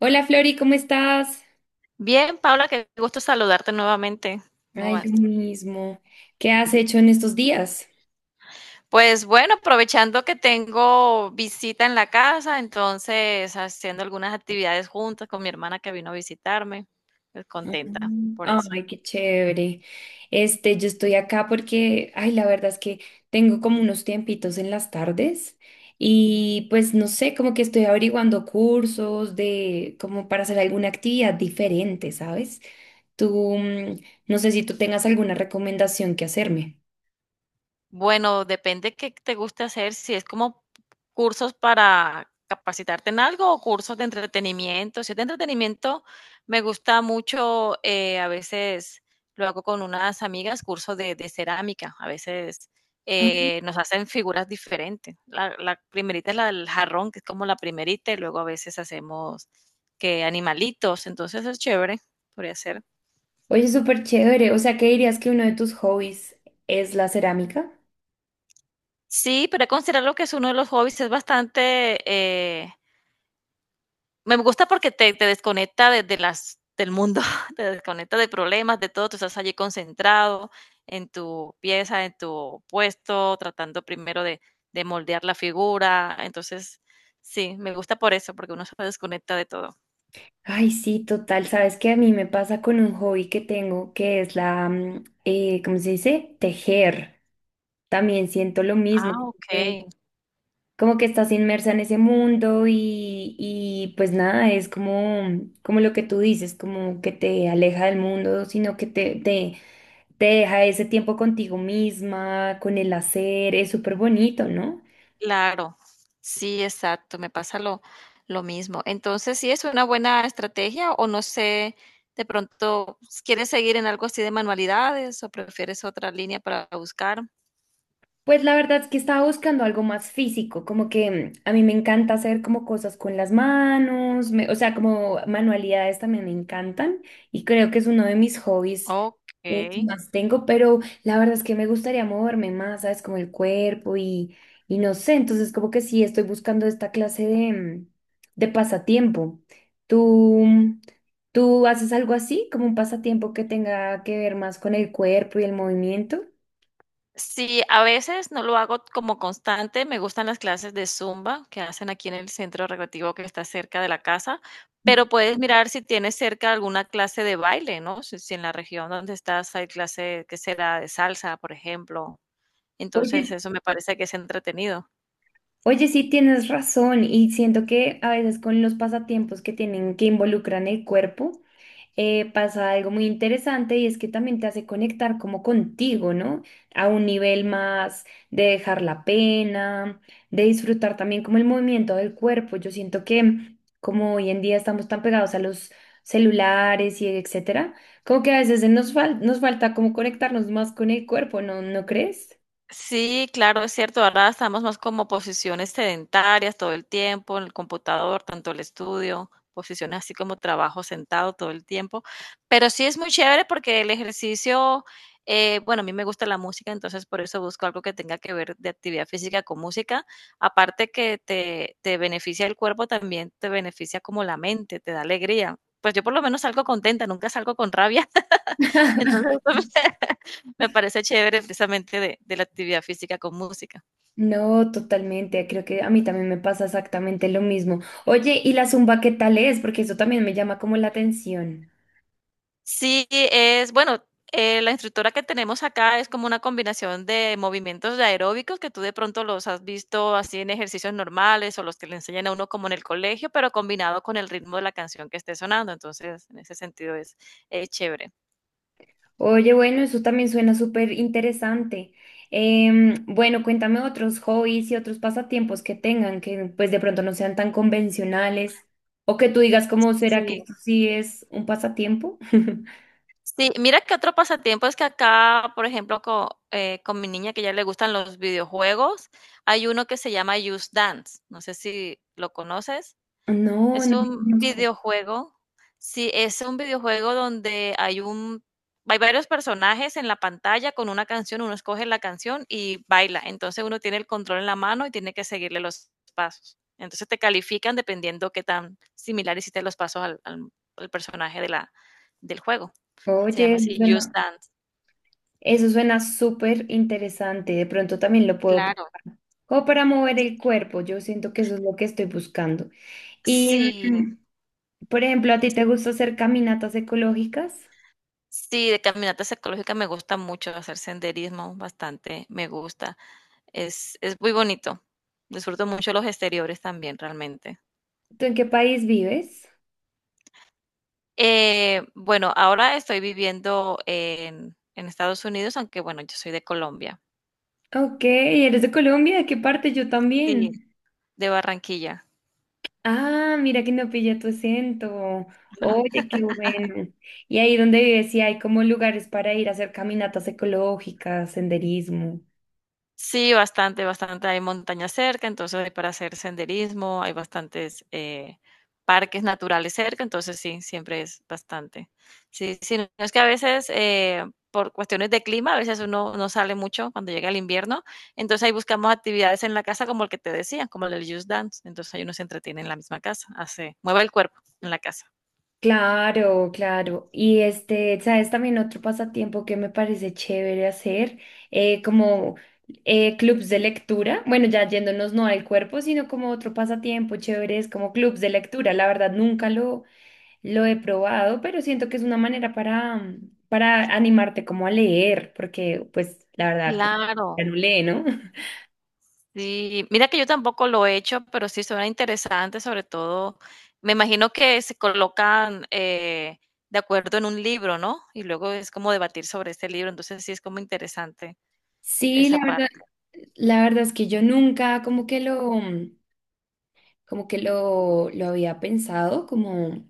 Hola Flori, ¿cómo estás? Bien, Paula, qué gusto saludarte nuevamente. ¿Cómo Ay, vas? lo mismo. ¿Qué has hecho en estos días? Pues bueno, aprovechando que tengo visita en la casa, entonces haciendo algunas actividades juntas con mi hermana que vino a visitarme, pues contenta Mm. por eso. Ay, qué chévere. Este, yo estoy acá porque, ay, la verdad es que tengo como unos tiempitos en las tardes y pues no sé, como que estoy averiguando cursos de, como para hacer alguna actividad diferente, ¿sabes? Tú, no sé si tú tengas alguna recomendación que hacerme. Bueno, depende qué te guste hacer, si es como cursos para capacitarte en algo o cursos de entretenimiento. Si es de entretenimiento, me gusta mucho, a veces lo hago con unas amigas, cursos de cerámica. A veces Ah, nos hacen figuras diferentes. La primerita es la del jarrón, que es como la primerita, y luego a veces hacemos que animalitos, entonces es chévere, podría ser. oye, súper chévere. O sea, ¿qué dirías que uno de tus hobbies es la cerámica? Sí, pero considerarlo que es uno de los hobbies, es bastante, me gusta porque te desconecta del mundo, te desconecta de problemas, de todo, tú estás allí concentrado en tu pieza, en tu puesto, tratando primero de moldear la figura. Entonces, sí, me gusta por eso, porque uno se desconecta de todo. Ay, sí, total. Sabes que a mí me pasa con un hobby que tengo, que es la, ¿cómo se dice? Tejer. También siento lo mismo, Ah, okey. como que estás inmersa en ese mundo y pues nada, es como, como lo que tú dices, como que te aleja del mundo, sino que te deja ese tiempo contigo misma, con el hacer. Es súper bonito, ¿no? Claro, sí, exacto, me pasa lo mismo. Entonces, sí es una buena estrategia o no sé, de pronto, ¿quieres seguir en algo así de manualidades o prefieres otra línea para buscar? Pues la verdad es que estaba buscando algo más físico, como que a mí me encanta hacer como cosas con las manos, o sea, como manualidades también me encantan y creo que es uno de mis hobbies Okey. que más tengo, pero la verdad es que me gustaría moverme más, ¿sabes? Como el cuerpo y no sé, entonces como que sí estoy buscando esta clase de, de pasatiempo. ¿Tú, tú haces algo así, como un pasatiempo que tenga que ver más con el cuerpo y el movimiento? Sí, a veces no lo hago como constante, me gustan las clases de Zumba que hacen aquí en el centro recreativo que está cerca de la casa, Ujú. pero puedes mirar si tienes cerca alguna clase de baile, ¿no? Si en la región donde estás hay clase, que será? De salsa, por ejemplo. Entonces, Oye, eso me parece que es entretenido. Oye, sí tienes razón y siento que a veces con los pasatiempos que tienen que involucran el cuerpo, pasa algo muy interesante y es que también te hace conectar como contigo, ¿no? A un nivel más de dejar la pena, de disfrutar también como el movimiento del cuerpo. Yo siento que como hoy en día estamos tan pegados a los celulares y etcétera, como que a veces nos falta como conectarnos más con el cuerpo, ¿no? ¿No crees? Sí, claro, es cierto. Ahora estamos más como posiciones sedentarias todo el tiempo, en el computador, tanto el estudio, posiciones así como trabajo sentado todo el tiempo. Pero sí es muy chévere porque el ejercicio, bueno, a mí me gusta la música, entonces por eso busco algo que tenga que ver de actividad física con música. Aparte que te beneficia el cuerpo, también te beneficia como la mente, te da alegría. Pues yo por lo menos salgo contenta, nunca salgo con rabia. Entonces, me, me parece chévere precisamente de la actividad física con música. No, totalmente. Creo que a mí también me pasa exactamente lo mismo. Oye, ¿y la zumba qué tal es? Porque eso también me llama como la atención. Sí, es, bueno, la instructora que tenemos acá es como una combinación de movimientos de aeróbicos que tú de pronto los has visto así en ejercicios normales o los que le enseñan a uno como en el colegio, pero combinado con el ritmo de la canción que esté sonando. Entonces, en ese sentido es chévere. Oye, bueno, eso también suena súper interesante. Bueno, cuéntame otros hobbies y otros pasatiempos que tengan que pues de pronto no sean tan convencionales o que tú digas cómo será que Sí. esto sí es un pasatiempo. Sí, mira que otro pasatiempo es que acá, por ejemplo, con mi niña que ya le gustan los videojuegos, hay uno que se llama Just Dance. No sé si lo conoces. No, no Es lo un conozco. videojuego. Sí, es un videojuego donde hay varios personajes en la pantalla con una canción, uno escoge la canción y baila. Entonces uno tiene el control en la mano y tiene que seguirle los pasos. Entonces te califican dependiendo qué tan similar hiciste los pasos al personaje de del juego. Se Oye, llama así, Just Dance, eso suena súper interesante. De pronto también lo puedo. claro. Como para mover el cuerpo, yo siento que eso es lo que estoy buscando. Y, Sí, mm, por ejemplo, ¿a ti te gusta hacer caminatas ecológicas? sí, de caminatas ecológicas me gusta mucho, hacer senderismo bastante, me gusta. Es muy bonito. Disfruto mucho los exteriores también, realmente. ¿Tú en qué país vives? Bueno, ahora estoy viviendo en Estados Unidos, aunque bueno, yo soy de Colombia. Ok, ¿eres de Colombia? ¿De qué parte? Yo Sí, también. de Barranquilla. Ah, mira que no pillé tu acento. Oye, qué bueno. Y ahí donde vives, sí hay como lugares para ir a hacer caminatas ecológicas, senderismo. Sí, bastante, bastante. Hay montañas cerca, entonces hay para hacer senderismo, hay bastantes parques naturales cerca, entonces sí, siempre es bastante. Sí, sí, no es que a veces por cuestiones de clima, a veces uno no sale mucho cuando llega el invierno, entonces ahí buscamos actividades en la casa como el que te decía, como el del Just Dance, entonces ahí uno se entretiene en la misma casa, hace, mueve el cuerpo en la casa. Claro, claro. Y este, sabes, también otro pasatiempo que me parece chévere hacer, como clubs de lectura. Bueno, ya yéndonos no al cuerpo, sino como otro pasatiempo chévere es como clubs de lectura. La verdad, nunca lo, lo he probado, pero siento que es una manera para, para animarte como a leer, porque pues la verdad, ya Claro. no lee, ¿no? Sí, mira que yo tampoco lo he hecho, pero sí suena interesante, sobre todo, me imagino que se colocan de acuerdo en un libro, ¿no? Y luego es como debatir sobre este libro, entonces sí es como interesante Sí, esa la verdad. parte. La verdad es que yo nunca lo había pensado, como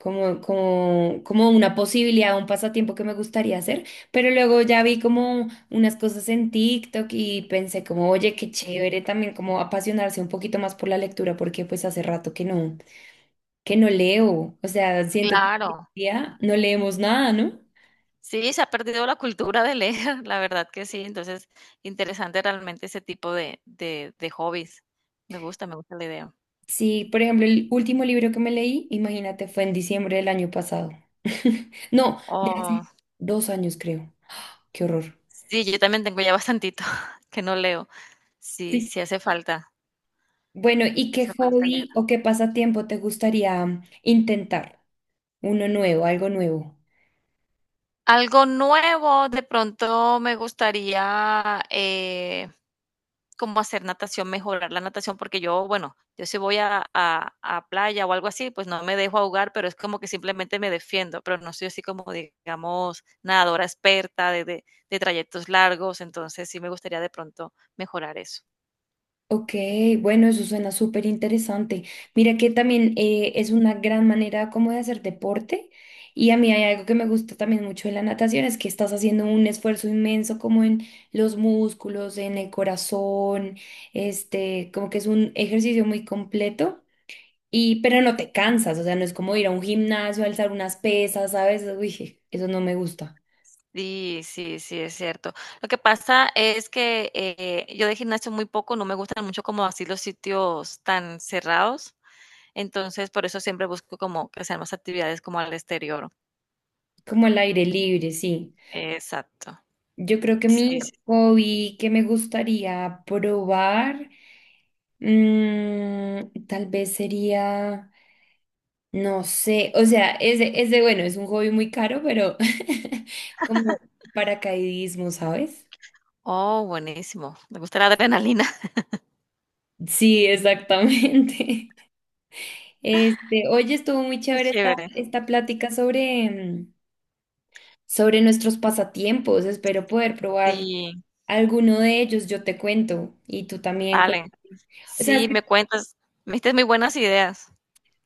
como, como, como una posibilidad, un pasatiempo que me gustaría hacer, pero luego ya vi como unas cosas en TikTok y pensé como, oye, qué chévere también como apasionarse un poquito más por la lectura, porque pues hace rato que no leo, o sea, siento que hoy en Claro, día no leemos nada, ¿no? sí, se ha perdido la cultura de leer, la verdad que sí, entonces interesante realmente ese tipo de hobbies. Me gusta la idea. Sí, por ejemplo, el último libro que me leí, imagínate, fue en diciembre del año pasado. No, de Oh, hace dos años creo. Qué horror. sí, yo también tengo ya bastantito que no leo. Sí, Sí. sí Bueno, ¿y qué hace falta leer. hobby o qué pasatiempo te gustaría intentar? Uno nuevo, algo nuevo. Algo nuevo, de pronto me gustaría, como hacer natación, mejorar la natación, porque yo, bueno, yo si voy a playa o algo así, pues no me dejo ahogar, pero es como que simplemente me defiendo, pero no soy así como, digamos, nadadora experta de trayectos largos, entonces sí me gustaría de pronto mejorar eso. Ok, bueno, eso suena súper interesante. Mira que también es una gran manera como de hacer deporte y a mí hay algo que me gusta también mucho de la natación, es que estás haciendo un esfuerzo inmenso como en los músculos, en el corazón, este, como que es un ejercicio muy completo y pero no te cansas, o sea, no es como ir a un gimnasio, alzar unas pesas, ¿sabes? Uy, je, eso no me gusta. Sí, sí, sí, es cierto. Lo que pasa es que, yo de gimnasio muy poco, no me gustan mucho como así los sitios tan cerrados. Entonces, por eso siempre busco como que sean más actividades como al exterior. Como al aire libre, sí. Exacto. Yo creo que mi Sí, sí. hobby que me gustaría probar, tal vez sería, no sé, o sea, bueno, es un hobby muy caro, pero como paracaidismo, ¿sabes? Oh, buenísimo. Me gusta la adrenalina. Sí, exactamente. Este, oye, estuvo muy Qué chévere esta, chévere. esta plática sobre, sobre nuestros pasatiempos. Espero poder probar Sí, alguno de ellos. Yo te cuento y tú también vale. cuéntame. O sea, es Sí, me que- cuentas. Me diste muy buenas ideas.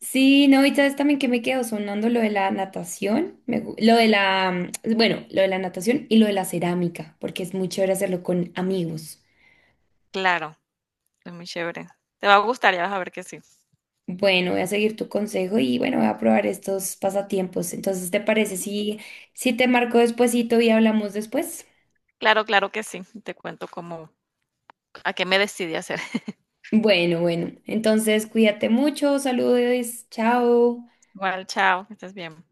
sí, no, y sabes también que me quedo sonando lo de la natación, lo de la, bueno, lo de la natación y lo de la cerámica, porque es muy chévere hacerlo con amigos. Claro, es muy chévere. Te va a gustar, ya vas a ver que sí. Bueno, voy a seguir tu consejo y bueno, voy a probar estos pasatiempos. Entonces, ¿te parece si, si te marco despuesito y hablamos después? Claro, claro que sí. Te cuento cómo, a qué me decidí hacer. Bueno, bueno, entonces cuídate mucho, saludos, chao. Igual, chao, que estés bien.